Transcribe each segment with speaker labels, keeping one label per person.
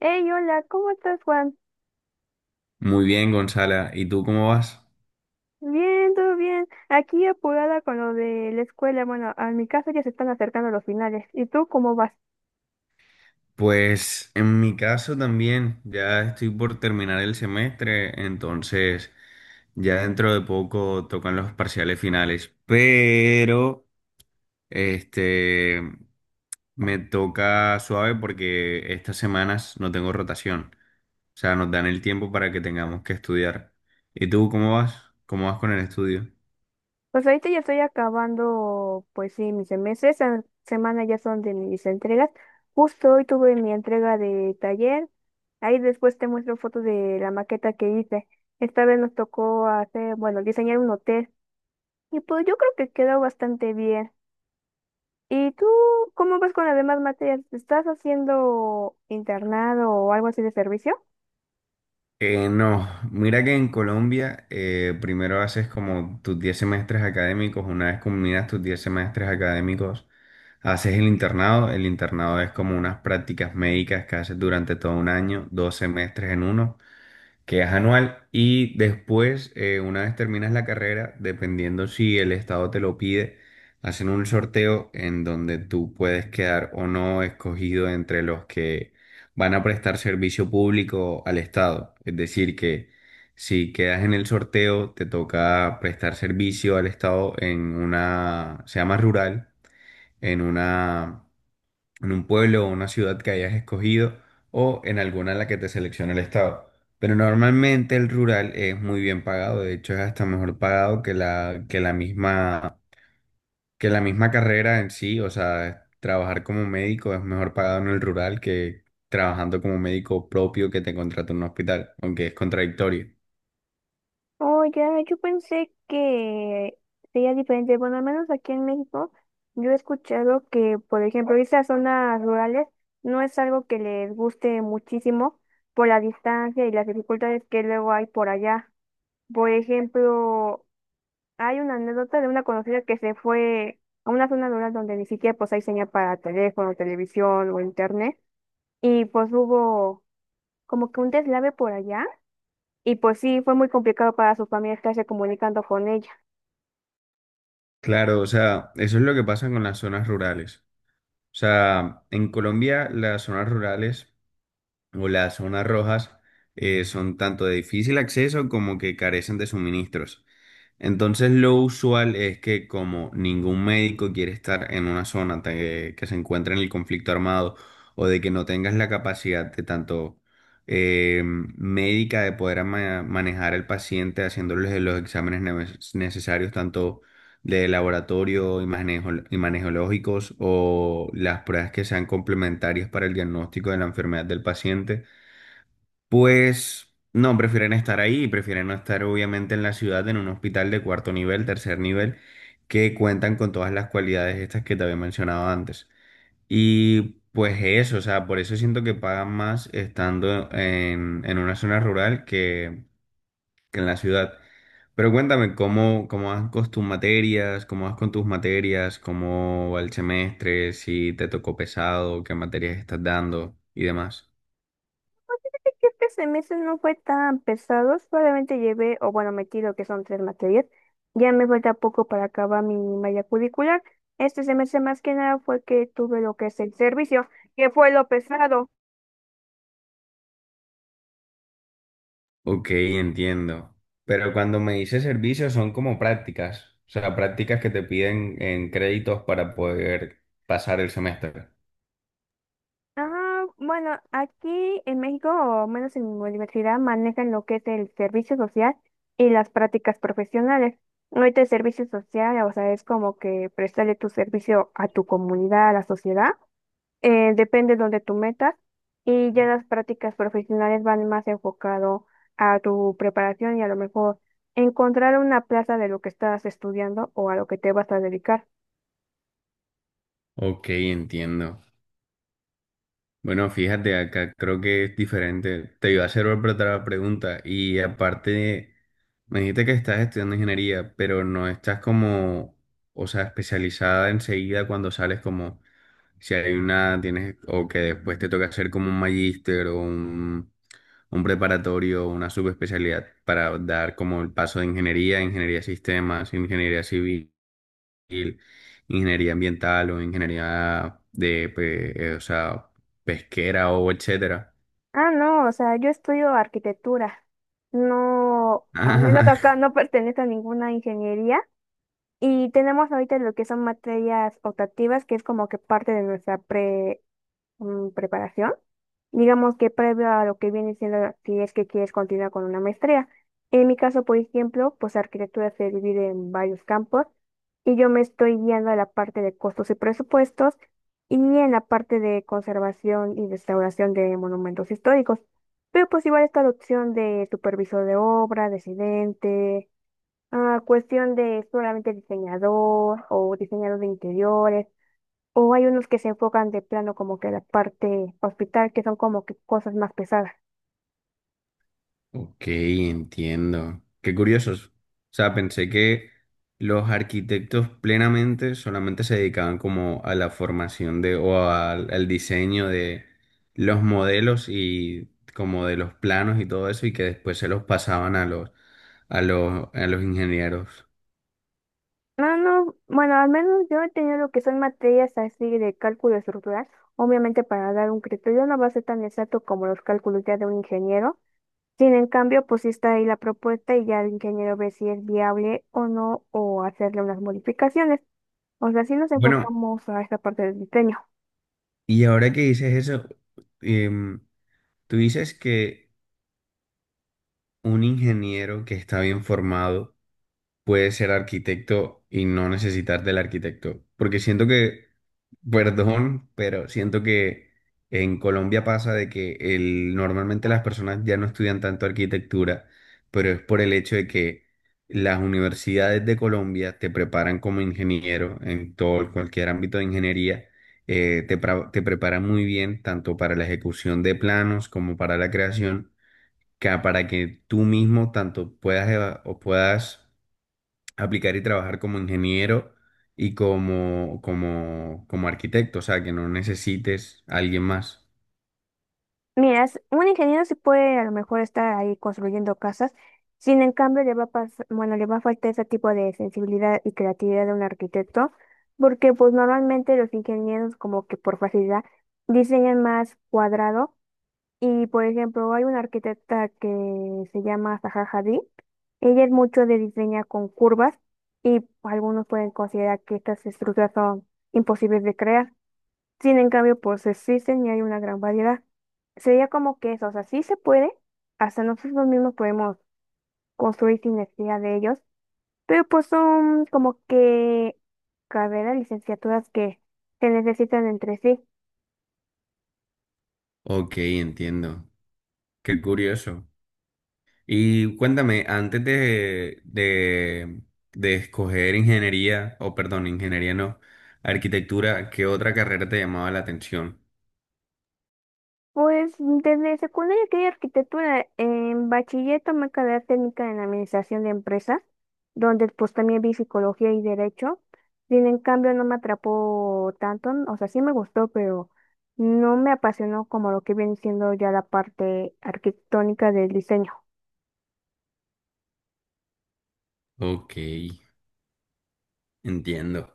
Speaker 1: Hey, hola, ¿cómo estás, Juan?
Speaker 2: Muy bien, Gonzala. ¿Y tú cómo vas?
Speaker 1: Bien, todo bien. Aquí apurada con lo de la escuela. Bueno, a mi caso ya se están acercando los finales. ¿Y tú cómo vas?
Speaker 2: Pues en mi caso también, ya estoy por terminar el semestre, entonces ya dentro de poco tocan los parciales finales, pero este me toca suave porque estas semanas no tengo rotación, o sea, nos dan el tiempo para que tengamos que estudiar. ¿Y tú cómo vas? ¿Cómo vas con el estudio?
Speaker 1: Pues ahorita ya estoy acabando, pues sí, mis semestres. Esta semana ya son de mis entregas. Justo hoy tuve mi entrega de taller. Ahí después te muestro fotos de la maqueta que hice. Esta vez nos tocó hacer, bueno, diseñar un hotel. Y pues yo creo que quedó bastante bien. ¿Y tú cómo vas con las demás materias? ¿Estás haciendo internado o algo así de servicio?
Speaker 2: No, mira que en Colombia primero haces como tus 10 semestres académicos. Una vez culminas tus 10 semestres académicos, haces el internado. El internado es como unas prácticas médicas que haces durante todo un año, 2 semestres en uno, que es anual. Y después, una vez terminas la carrera, dependiendo si el estado te lo pide, hacen un sorteo en donde tú puedes quedar o no escogido entre los que van a prestar servicio público al estado. Es decir, que si quedas en el sorteo, te toca prestar servicio al estado en una, se llama rural, en una en un pueblo o una ciudad que hayas escogido, o en alguna en la que te seleccione el estado. Pero normalmente el rural es muy bien pagado, de hecho es hasta mejor pagado que la, que la misma carrera en sí. O sea, trabajar como médico es mejor pagado en el rural que trabajando como médico propio que te contrata en un hospital, aunque es contradictorio.
Speaker 1: Oh, ya, yo pensé que sería diferente. Bueno, al menos aquí en México, yo he escuchado que, por ejemplo, irse a zonas rurales no es algo que les guste muchísimo por la distancia y las dificultades que luego hay por allá. Por ejemplo, hay una anécdota de una conocida que se fue a una zona rural donde ni siquiera pues hay señal para teléfono, televisión o internet, y pues hubo como que un deslave por allá y pues sí, fue muy complicado para sus familia estarse comunicando con ella.
Speaker 2: Claro, o sea, eso es lo que pasa con las zonas rurales. O sea, en Colombia las zonas rurales o las zonas rojas son tanto de difícil acceso como que carecen de suministros. Entonces lo usual es que como ningún médico quiere estar en una zona que se encuentra en el conflicto armado, o de que no tengas la capacidad de tanto médica de poder manejar al paciente haciéndole los exámenes necesarios, tanto de laboratorio, imageneológicos, o las pruebas que sean complementarias para el diagnóstico de la enfermedad del paciente. Pues no, prefieren estar ahí, prefieren no estar obviamente en la ciudad, en un hospital de cuarto nivel, tercer nivel, que cuentan con todas las cualidades estas que te había mencionado antes. Y pues eso, o sea, por eso siento que pagan más estando en una zona rural que en la ciudad. Pero cuéntame, ¿cómo vas con tus materias? ¿Cómo vas con tus materias? ¿Cómo va el semestre? ¿Si te tocó pesado? ¿Qué materias estás dando? Y demás.
Speaker 1: Fíjate que este semestre no fue tan pesado, solamente llevé, o bueno, metido que son tres materias, ya me falta poco para acabar mi malla curricular. Este semestre más que nada fue que tuve lo que es el servicio, que fue lo pesado.
Speaker 2: Ok, entiendo. Pero cuando me dice servicios son como prácticas, o sea, prácticas que te piden en créditos para poder pasar el semestre.
Speaker 1: Ah, bueno, aquí en México, o menos en mi universidad, manejan lo que es el servicio social y las prácticas profesionales. Ahorita el servicio social, o sea, es como que prestarle tu servicio a tu comunidad, a la sociedad, depende de donde tú metas, y ya las prácticas profesionales van más enfocado a tu preparación y a lo mejor encontrar una plaza de lo que estás estudiando o a lo que te vas a dedicar.
Speaker 2: Ok, entiendo. Bueno, fíjate, acá creo que es diferente. Te iba a hacer otra pregunta y aparte me dijiste que estás estudiando ingeniería, pero no estás como, o sea, especializada enseguida cuando sales como, si hay una, tienes, o que después te toca hacer como un magíster o un preparatorio, una subespecialidad para dar como el paso de ingeniería, ingeniería de sistemas, ingeniería civil, ingeniería ambiental o ingeniería de, o sea, pesquera o etcétera.
Speaker 1: Ah, no, o sea, yo estudio arquitectura. No, al menos acá no pertenece a ninguna ingeniería. Y tenemos ahorita lo que son materias optativas, que es como que parte de nuestra preparación. Digamos que previo a lo que viene siendo si es que quieres continuar con una maestría. En mi caso, por ejemplo, pues arquitectura se divide en varios campos y yo me estoy guiando a la parte de costos y presupuestos y en la parte de conservación y restauración de monumentos históricos. Pero pues igual está la opción de supervisor de obra, residente, ah, cuestión de solamente diseñador o diseñador de interiores. O hay unos que se enfocan de plano como que la parte hospital, que son como que cosas más pesadas.
Speaker 2: Ok, entiendo. Qué curiosos. O sea, pensé que los arquitectos plenamente solamente se dedicaban como a la formación de, o al diseño de los modelos y como de los planos y todo eso, y que después se los pasaban a los a los ingenieros.
Speaker 1: No, no, bueno, al menos yo he tenido lo que son materias así de cálculo estructural, obviamente para dar un criterio no va a ser tan exacto como los cálculos ya de un ingeniero. Sin en cambio, pues sí está ahí la propuesta y ya el ingeniero ve si es viable o no, o hacerle unas modificaciones. O sea, sí nos
Speaker 2: Bueno,
Speaker 1: enfocamos a esta parte del diseño.
Speaker 2: y ahora que dices eso, em, tú dices que un ingeniero que está bien formado puedes ser arquitecto y no necesitar del arquitecto. Porque siento que, perdón, pero siento que en Colombia pasa de que el, normalmente las personas ya no estudian tanto arquitectura, pero es por el hecho de que las universidades de Colombia te preparan como ingeniero en todo, cualquier ámbito de ingeniería. Te preparan muy bien tanto para la ejecución de planos como para la creación, que para que tú mismo tanto puedas o puedas aplicar y trabajar como ingeniero y como arquitecto, o sea, que no necesites a alguien más.
Speaker 1: Mira, un ingeniero sí puede a lo mejor estar ahí construyendo casas, sin en cambio le va a pas- bueno, le va a faltar ese tipo de sensibilidad y creatividad de un arquitecto, porque pues normalmente los ingenieros como que por facilidad diseñan más cuadrado y por ejemplo hay una arquitecta que se llama Zaha Hadid, ella es mucho de diseñar con curvas y algunos pueden considerar que estas estructuras son imposibles de crear. Sin en cambio, pues existen y hay una gran variedad. Sería como que eso, o sea, sí se puede, hasta nosotros mismos podemos construir sin necesidad de ellos, pero pues son como que carreras, licenciaturas que se necesitan entre sí.
Speaker 2: Ok, entiendo. Qué curioso. Y cuéntame, antes de escoger ingeniería, o perdón, ingeniería no, arquitectura, ¿qué otra carrera te llamaba la atención?
Speaker 1: Pues desde secundaria quería arquitectura. En bachiller tomé carrera técnica en administración de empresas, donde pues también vi psicología y derecho. Sin en cambio no me atrapó tanto, o sea, sí me gustó, pero no me apasionó como lo que viene siendo ya la parte arquitectónica del diseño.
Speaker 2: Ok, entiendo.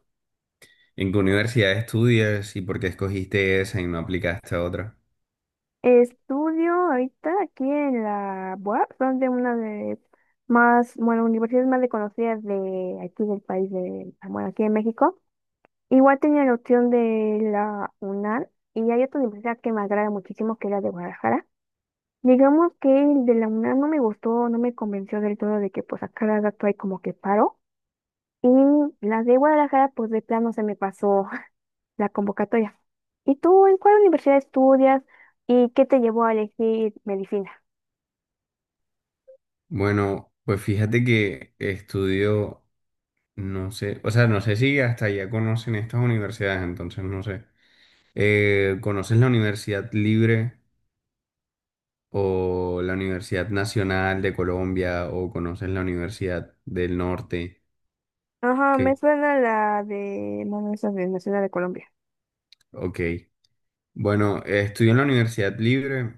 Speaker 2: ¿En qué universidad estudias y por qué escogiste esa y no aplicaste a otra?
Speaker 1: Estudio ahorita aquí en la UAP, son de una de más, bueno, universidades más reconocidas de aquí del país, de, bueno, aquí en México. Igual tenía la opción de la UNAM y hay otra universidad que me agrada muchísimo que es la de Guadalajara. Digamos que el de la UNAM no me gustó, no me convenció del todo de que pues a cada rato hay como que paro. Y la de Guadalajara pues de plano se me pasó la convocatoria. ¿Y tú en cuál universidad estudias y qué te llevó a elegir medicina?
Speaker 2: Bueno, pues fíjate que estudio. No sé, o sea, no sé si hasta allá conocen estas universidades, entonces no sé. ¿Conoces la Universidad Libre o la Universidad Nacional de Colombia, o conoces la Universidad del Norte?
Speaker 1: Ajá, me
Speaker 2: Que,
Speaker 1: suena la de Manos de Nacional de Colombia.
Speaker 2: ok. Bueno, estudio en la Universidad Libre.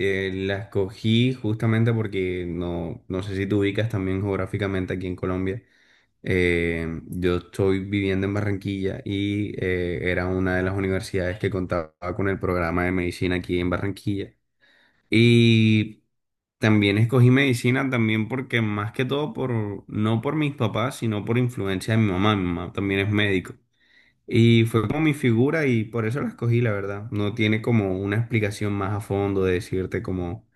Speaker 2: La escogí justamente porque no, no sé si te ubicas también geográficamente aquí en Colombia. Yo estoy viviendo en Barranquilla y era una de las universidades que contaba con el programa de medicina aquí en Barranquilla. Y también escogí medicina también porque más que todo por, no por mis papás, sino por influencia de mi mamá. Mi mamá también es médico. Y fue como mi figura, y por eso la escogí, la verdad. No tiene como una explicación más a fondo, de decirte como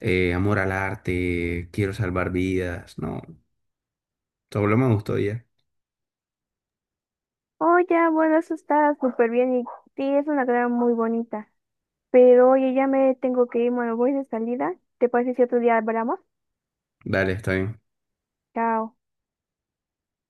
Speaker 2: amor al arte, quiero salvar vidas. No, solo me gustó ya.
Speaker 1: Oh, ya, bueno, eso está súper bien y sí, es una carrera muy bonita. Pero oye, ya me tengo que ir, bueno, voy de salida. ¿Te parece si otro día hablamos?
Speaker 2: Dale, está bien.
Speaker 1: Chao.